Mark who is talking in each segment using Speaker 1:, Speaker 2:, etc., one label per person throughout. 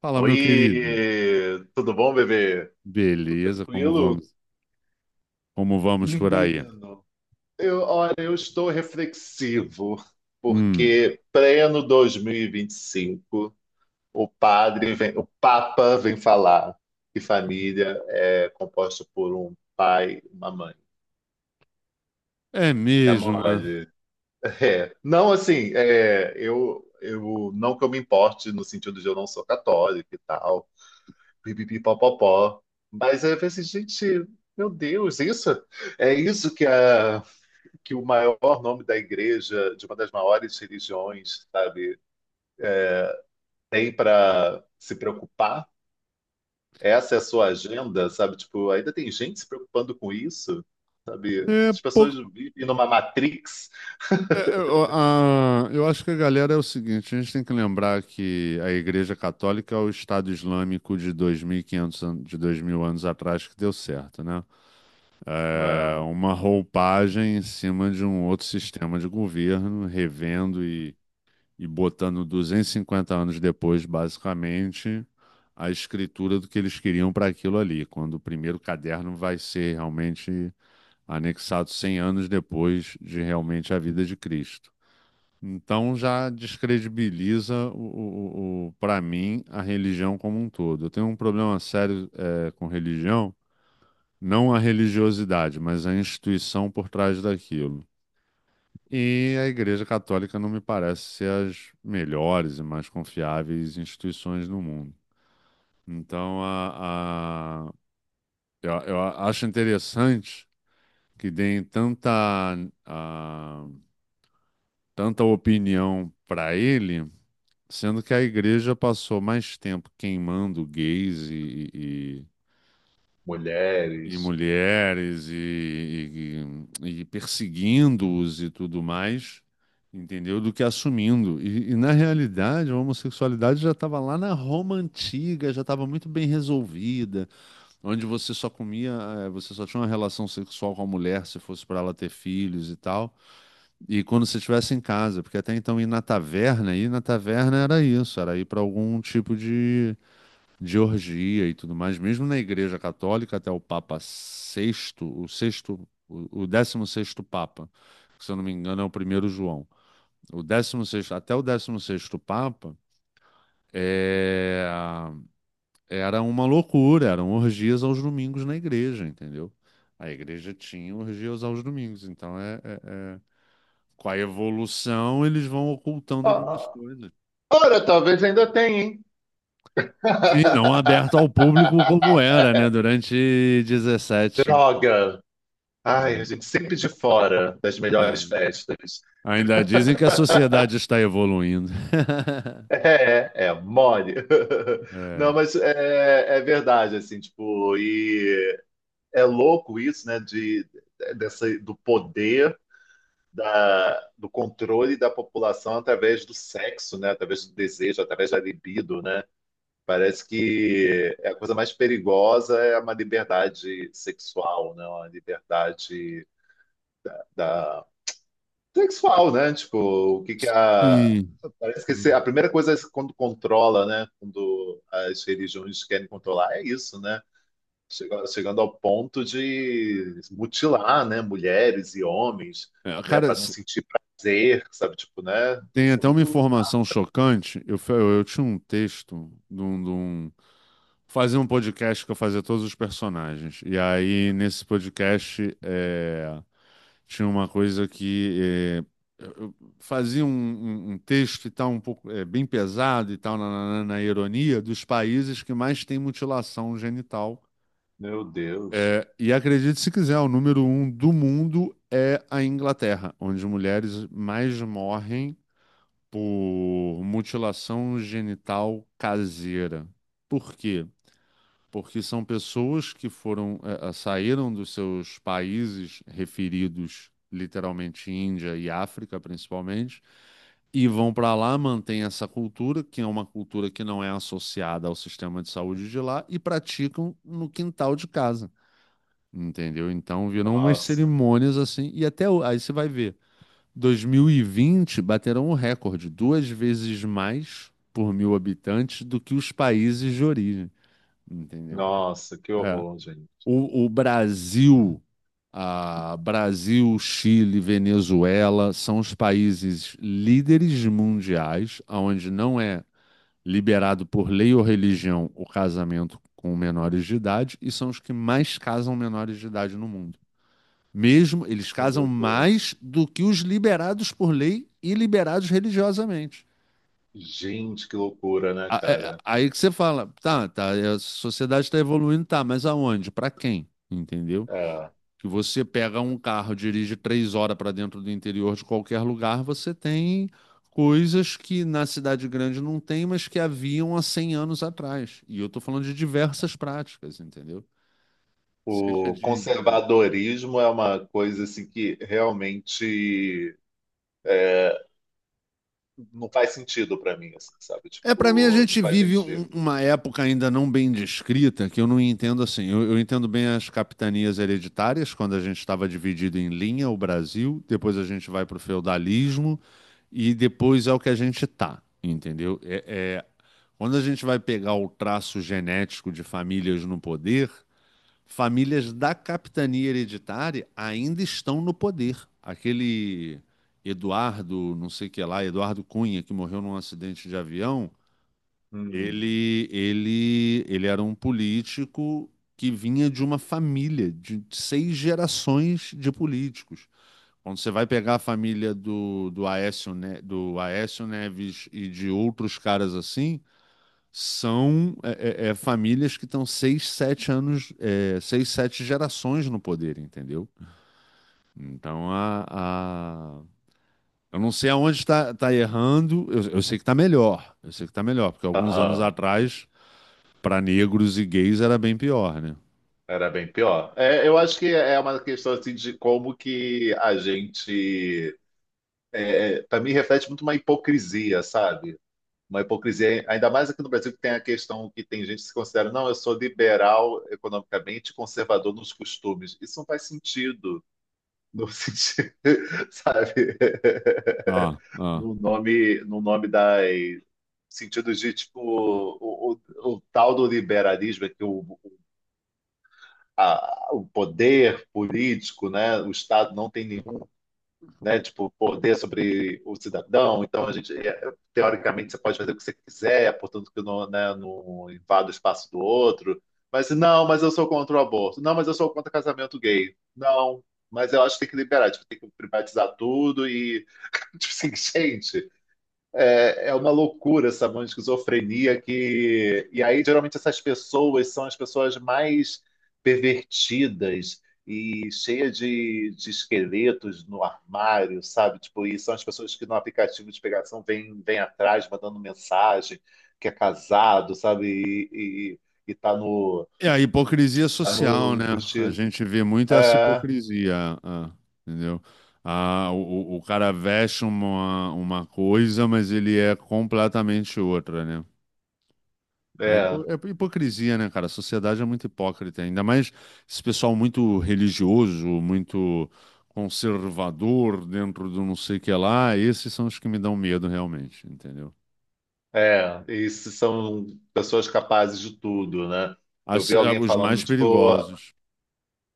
Speaker 1: Fala,
Speaker 2: Oi,
Speaker 1: meu querido.
Speaker 2: tudo bom, bebê? Tudo
Speaker 1: Beleza, como
Speaker 2: tranquilo?
Speaker 1: vamos? Como vamos por aí?
Speaker 2: Menino, eu, olha, eu estou reflexivo,
Speaker 1: Hum.
Speaker 2: porque pleno 2025, o padre vem, o Papa vem falar que família é composta por um pai e uma mãe.
Speaker 1: É
Speaker 2: É
Speaker 1: mesmo, é.
Speaker 2: mole. É. Não, assim, é, não que eu me importe no sentido de eu não sou católico e tal, pipipipopopó. Mas aí eu pensei, gente, meu Deus, isso é isso que, a, que o maior nome da igreja, de uma das maiores religiões, sabe, tem para se preocupar? Essa é a sua agenda, sabe? Tipo, ainda tem gente se preocupando com isso, sabe?
Speaker 1: É
Speaker 2: As pessoas
Speaker 1: pouco.
Speaker 2: vivem numa matrix,
Speaker 1: Ó, eu acho que a galera é o seguinte: a gente tem que lembrar que a Igreja Católica é o Estado Islâmico de 2.000 anos atrás que deu certo, né? É
Speaker 2: né?
Speaker 1: uma roupagem em cima de um outro sistema de governo, revendo e botando 250 anos depois, basicamente, a escritura do que eles queriam para aquilo ali, quando o primeiro caderno vai ser realmente anexado 100 anos depois de realmente a vida de Cristo. Então já descredibiliza o, para mim, a religião como um todo. Eu tenho um problema sério com religião, não a religiosidade, mas a instituição por trás daquilo. E a Igreja Católica não me parece ser as melhores e mais confiáveis instituições no mundo. Então, eu acho interessante que deem a- tanta opinião para ele, sendo que a Igreja passou mais tempo queimando gays e
Speaker 2: Mulheres.
Speaker 1: mulheres e perseguindo-os e tudo mais, entendeu? Do que assumindo. E, na realidade, a homossexualidade já estava lá na Roma antiga, já estava muito bem resolvida, onde você só comia, você só tinha uma relação sexual com a mulher se fosse para ela ter filhos e tal. E quando você estivesse em casa, porque até então ir na taverna era isso, era ir para algum tipo de orgia e tudo mais, mesmo na Igreja Católica, até o Papa sexto, o sexto, o décimo sexto Papa, que se eu não me engano é o primeiro João, o décimo sexto, até o décimo sexto Papa, é, era uma loucura, eram orgias aos domingos na igreja, entendeu? A igreja tinha orgias aos domingos, então é- com a evolução eles vão ocultando algumas
Speaker 2: Ah,
Speaker 1: coisas.
Speaker 2: ora, talvez ainda tenha, hein?
Speaker 1: E não aberto ao público como era, né, durante 17.
Speaker 2: Droga! Ai, a gente sempre de fora das melhores festas.
Speaker 1: Ainda dizem que a sociedade está evoluindo.
Speaker 2: Mole. Não,
Speaker 1: É.
Speaker 2: mas é verdade, assim, tipo, e é louco isso, né, dessa, do poder, do controle da população através do sexo, né, através do desejo, através da libido, né? Parece que é a coisa mais perigosa é uma liberdade sexual, né, uma liberdade sexual, né? Tipo, o que que a.
Speaker 1: Sim.
Speaker 2: Parece que se- a primeira coisa é quando controla, né? Quando as religiões querem controlar, é isso, né? Chegando ao ponto de mutilar, né? Mulheres e homens,
Speaker 1: É,
Speaker 2: né?
Speaker 1: cara,
Speaker 2: Para não sentir prazer, sabe? Tipo, né?
Speaker 1: tem
Speaker 2: Isso é
Speaker 1: até uma
Speaker 2: muito.
Speaker 1: informação chocante. Eu tinha um texto. Fazia um podcast que eu fazia todos os personagens. E aí, nesse podcast, tinha uma coisa que... é, eu eu fazia um texto e tal, um pouco bem pesado e tal, na ironia, dos países que mais têm mutilação genital.
Speaker 2: Meu Deus.
Speaker 1: É, e acredite se quiser, o número um do mundo é a Inglaterra, onde mulheres mais morrem por mutilação genital caseira. Por quê? Porque são pessoas que saíram dos seus países referidos, literalmente Índia e África, principalmente, e vão para lá, mantêm essa cultura, que é uma cultura que não é associada ao sistema de saúde de lá, e praticam no quintal de casa. Entendeu? Então viram umas
Speaker 2: Nossa,
Speaker 1: cerimônias assim, e até aí você vai ver, 2020 bateram o recorde, duas vezes mais por mil habitantes do que os países de origem, entendeu?
Speaker 2: que
Speaker 1: É.
Speaker 2: horror, gente.
Speaker 1: O Brasil, Chile, Venezuela são os países líderes mundiais, onde não é liberado por lei ou religião o casamento com menores de idade, e são os que mais casam menores de idade no mundo. Mesmo eles
Speaker 2: Que
Speaker 1: casam
Speaker 2: loucura.
Speaker 1: mais do que os liberados por lei e liberados religiosamente.
Speaker 2: Gente, que loucura, né, cara?
Speaker 1: Aí que você fala, tá, tá, a sociedade está evoluindo, tá, mas aonde? Para quem? Entendeu?
Speaker 2: É.
Speaker 1: Que você pega um carro, dirige 3 horas para dentro do interior de qualquer lugar, você tem coisas que na cidade grande não tem, mas que haviam há 100 anos atrás. E eu estou falando de diversas práticas, entendeu? Seja
Speaker 2: O
Speaker 1: de
Speaker 2: conservadorismo é uma coisa assim que realmente é, não faz sentido para mim, assim, sabe?
Speaker 1: É, para mim a
Speaker 2: Tipo, não
Speaker 1: gente
Speaker 2: faz
Speaker 1: vive
Speaker 2: sentido.
Speaker 1: uma época ainda não bem descrita, que eu não entendo assim. Eu entendo bem as capitanias hereditárias, quando a gente estava dividido em linha, o Brasil, depois a gente vai para o feudalismo e depois é o que a gente tá, entendeu? Quando a gente vai pegar o traço genético de famílias no poder, famílias da capitania hereditária ainda estão no poder. Aquele Eduardo, não sei o que lá, Eduardo Cunha, que morreu num acidente de avião
Speaker 2: Hum,
Speaker 1: , ele era um político que vinha de uma família de seis gerações de políticos. Quando você vai pegar a família do Aécio Neves e de outros caras assim, são famílias que estão seis, sete gerações no poder, entendeu? Então a- eu não sei aonde está tá errando, eu sei que está melhor, eu sei que está melhor, porque alguns anos
Speaker 2: aham,
Speaker 1: atrás para negros e gays era bem pior, né?
Speaker 2: era bem pior. É, eu acho que é uma questão assim de como que a gente, para mim, reflete muito uma hipocrisia, sabe? Uma hipocrisia, ainda mais aqui no Brasil, que tem a questão que tem gente que se considera, não, eu sou liberal economicamente, conservador nos costumes. Isso não faz sentido. No sentido, sabe,
Speaker 1: Ah, ah.
Speaker 2: no nome, no nome das sentido de tipo o tal do liberalismo é que o poder político, né, o Estado não tem nenhum, né, tipo poder sobre o cidadão. Então a gente é, teoricamente você pode fazer o que você quiser, portanto que não, né, não invada o espaço do outro. Mas não, mas eu sou contra o aborto. Não, mas eu sou contra casamento gay. Não, mas eu acho que tem que liberar, tipo, tem que privatizar tudo e tipo assim, gente, é, é uma loucura essa mão de esquizofrenia que. E aí, geralmente, essas pessoas são as pessoas mais pervertidas e cheia de esqueletos no armário, sabe? Tipo, e são as pessoas que no aplicativo de pegação vêm atrás, mandando mensagem, que é casado, sabe? E, e tá no,
Speaker 1: E a hipocrisia
Speaker 2: tá
Speaker 1: social, né?
Speaker 2: no
Speaker 1: A gente vê muito essa
Speaker 2: é,
Speaker 1: hipocrisia, entendeu? Ah, o cara veste uma coisa, mas ele é completamente outra, né? É
Speaker 2: é.
Speaker 1: hipo- é hipocrisia, né, cara? A sociedade é muito hipócrita, ainda mais esse pessoal muito religioso, muito conservador dentro do não sei o que lá. Esses são os que me dão medo, realmente, entendeu?
Speaker 2: É, e se são pessoas capazes de tudo, né? Eu vi alguém
Speaker 1: Os
Speaker 2: falando,
Speaker 1: mais
Speaker 2: tipo,
Speaker 1: perigosos.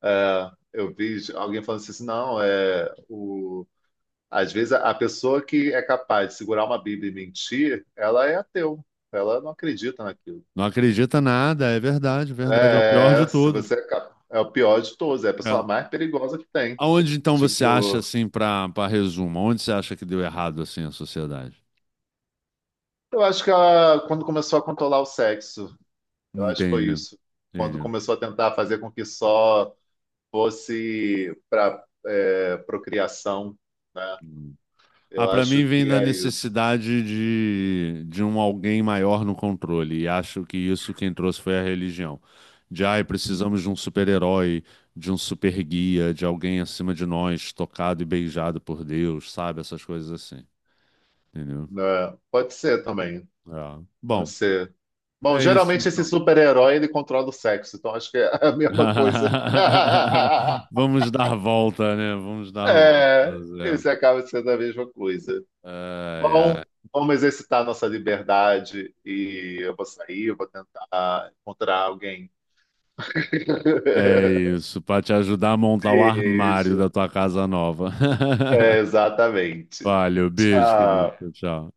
Speaker 2: é, eu vi alguém falando assim, não, é, o, às vezes a pessoa que é capaz de segurar uma Bíblia e mentir, ela é ateu, ela não acredita naquilo.
Speaker 1: Não acredita nada, é verdade, verdade, é o pior
Speaker 2: É,
Speaker 1: de
Speaker 2: se
Speaker 1: todos.
Speaker 2: você é, é o pior de todos, é a pessoa
Speaker 1: É.
Speaker 2: mais perigosa que tem.
Speaker 1: Aonde então você acha
Speaker 2: Tipo,
Speaker 1: assim para resumo? Onde você acha que deu errado assim a sociedade?
Speaker 2: eu acho que ela, quando começou a controlar o sexo, eu acho que foi
Speaker 1: Entendi,
Speaker 2: isso. Quando
Speaker 1: entendi.
Speaker 2: começou a tentar fazer com que só fosse para é, procriação, né?
Speaker 1: Hum. Ah,
Speaker 2: Eu
Speaker 1: para mim
Speaker 2: acho
Speaker 1: vem
Speaker 2: que
Speaker 1: da
Speaker 2: é isso.
Speaker 1: necessidade de um alguém maior no controle e acho que isso quem trouxe foi a religião. De ai, precisamos de um super-herói, de um super guia, de alguém acima de nós, tocado e beijado por Deus, sabe? Essas coisas assim, entendeu?
Speaker 2: Né? Pode ser também,
Speaker 1: É.
Speaker 2: pode
Speaker 1: Bom,
Speaker 2: ser. Bom,
Speaker 1: é isso
Speaker 2: geralmente esse
Speaker 1: então.
Speaker 2: super-herói ele controla o sexo, então acho que é a mesma coisa.
Speaker 1: Vamos dar volta, né? Vamos dar
Speaker 2: É,
Speaker 1: voltas, é.
Speaker 2: esse acaba sendo a mesma coisa.
Speaker 1: Ai,
Speaker 2: Bom,
Speaker 1: ai.
Speaker 2: vamos exercitar nossa liberdade e eu vou sair, eu vou tentar encontrar alguém.
Speaker 1: É isso, para te ajudar a montar o armário
Speaker 2: Beijo.
Speaker 1: da tua casa nova.
Speaker 2: É, exatamente.
Speaker 1: Valeu, beijo, querido.
Speaker 2: Tchau.
Speaker 1: Tchau, tchau.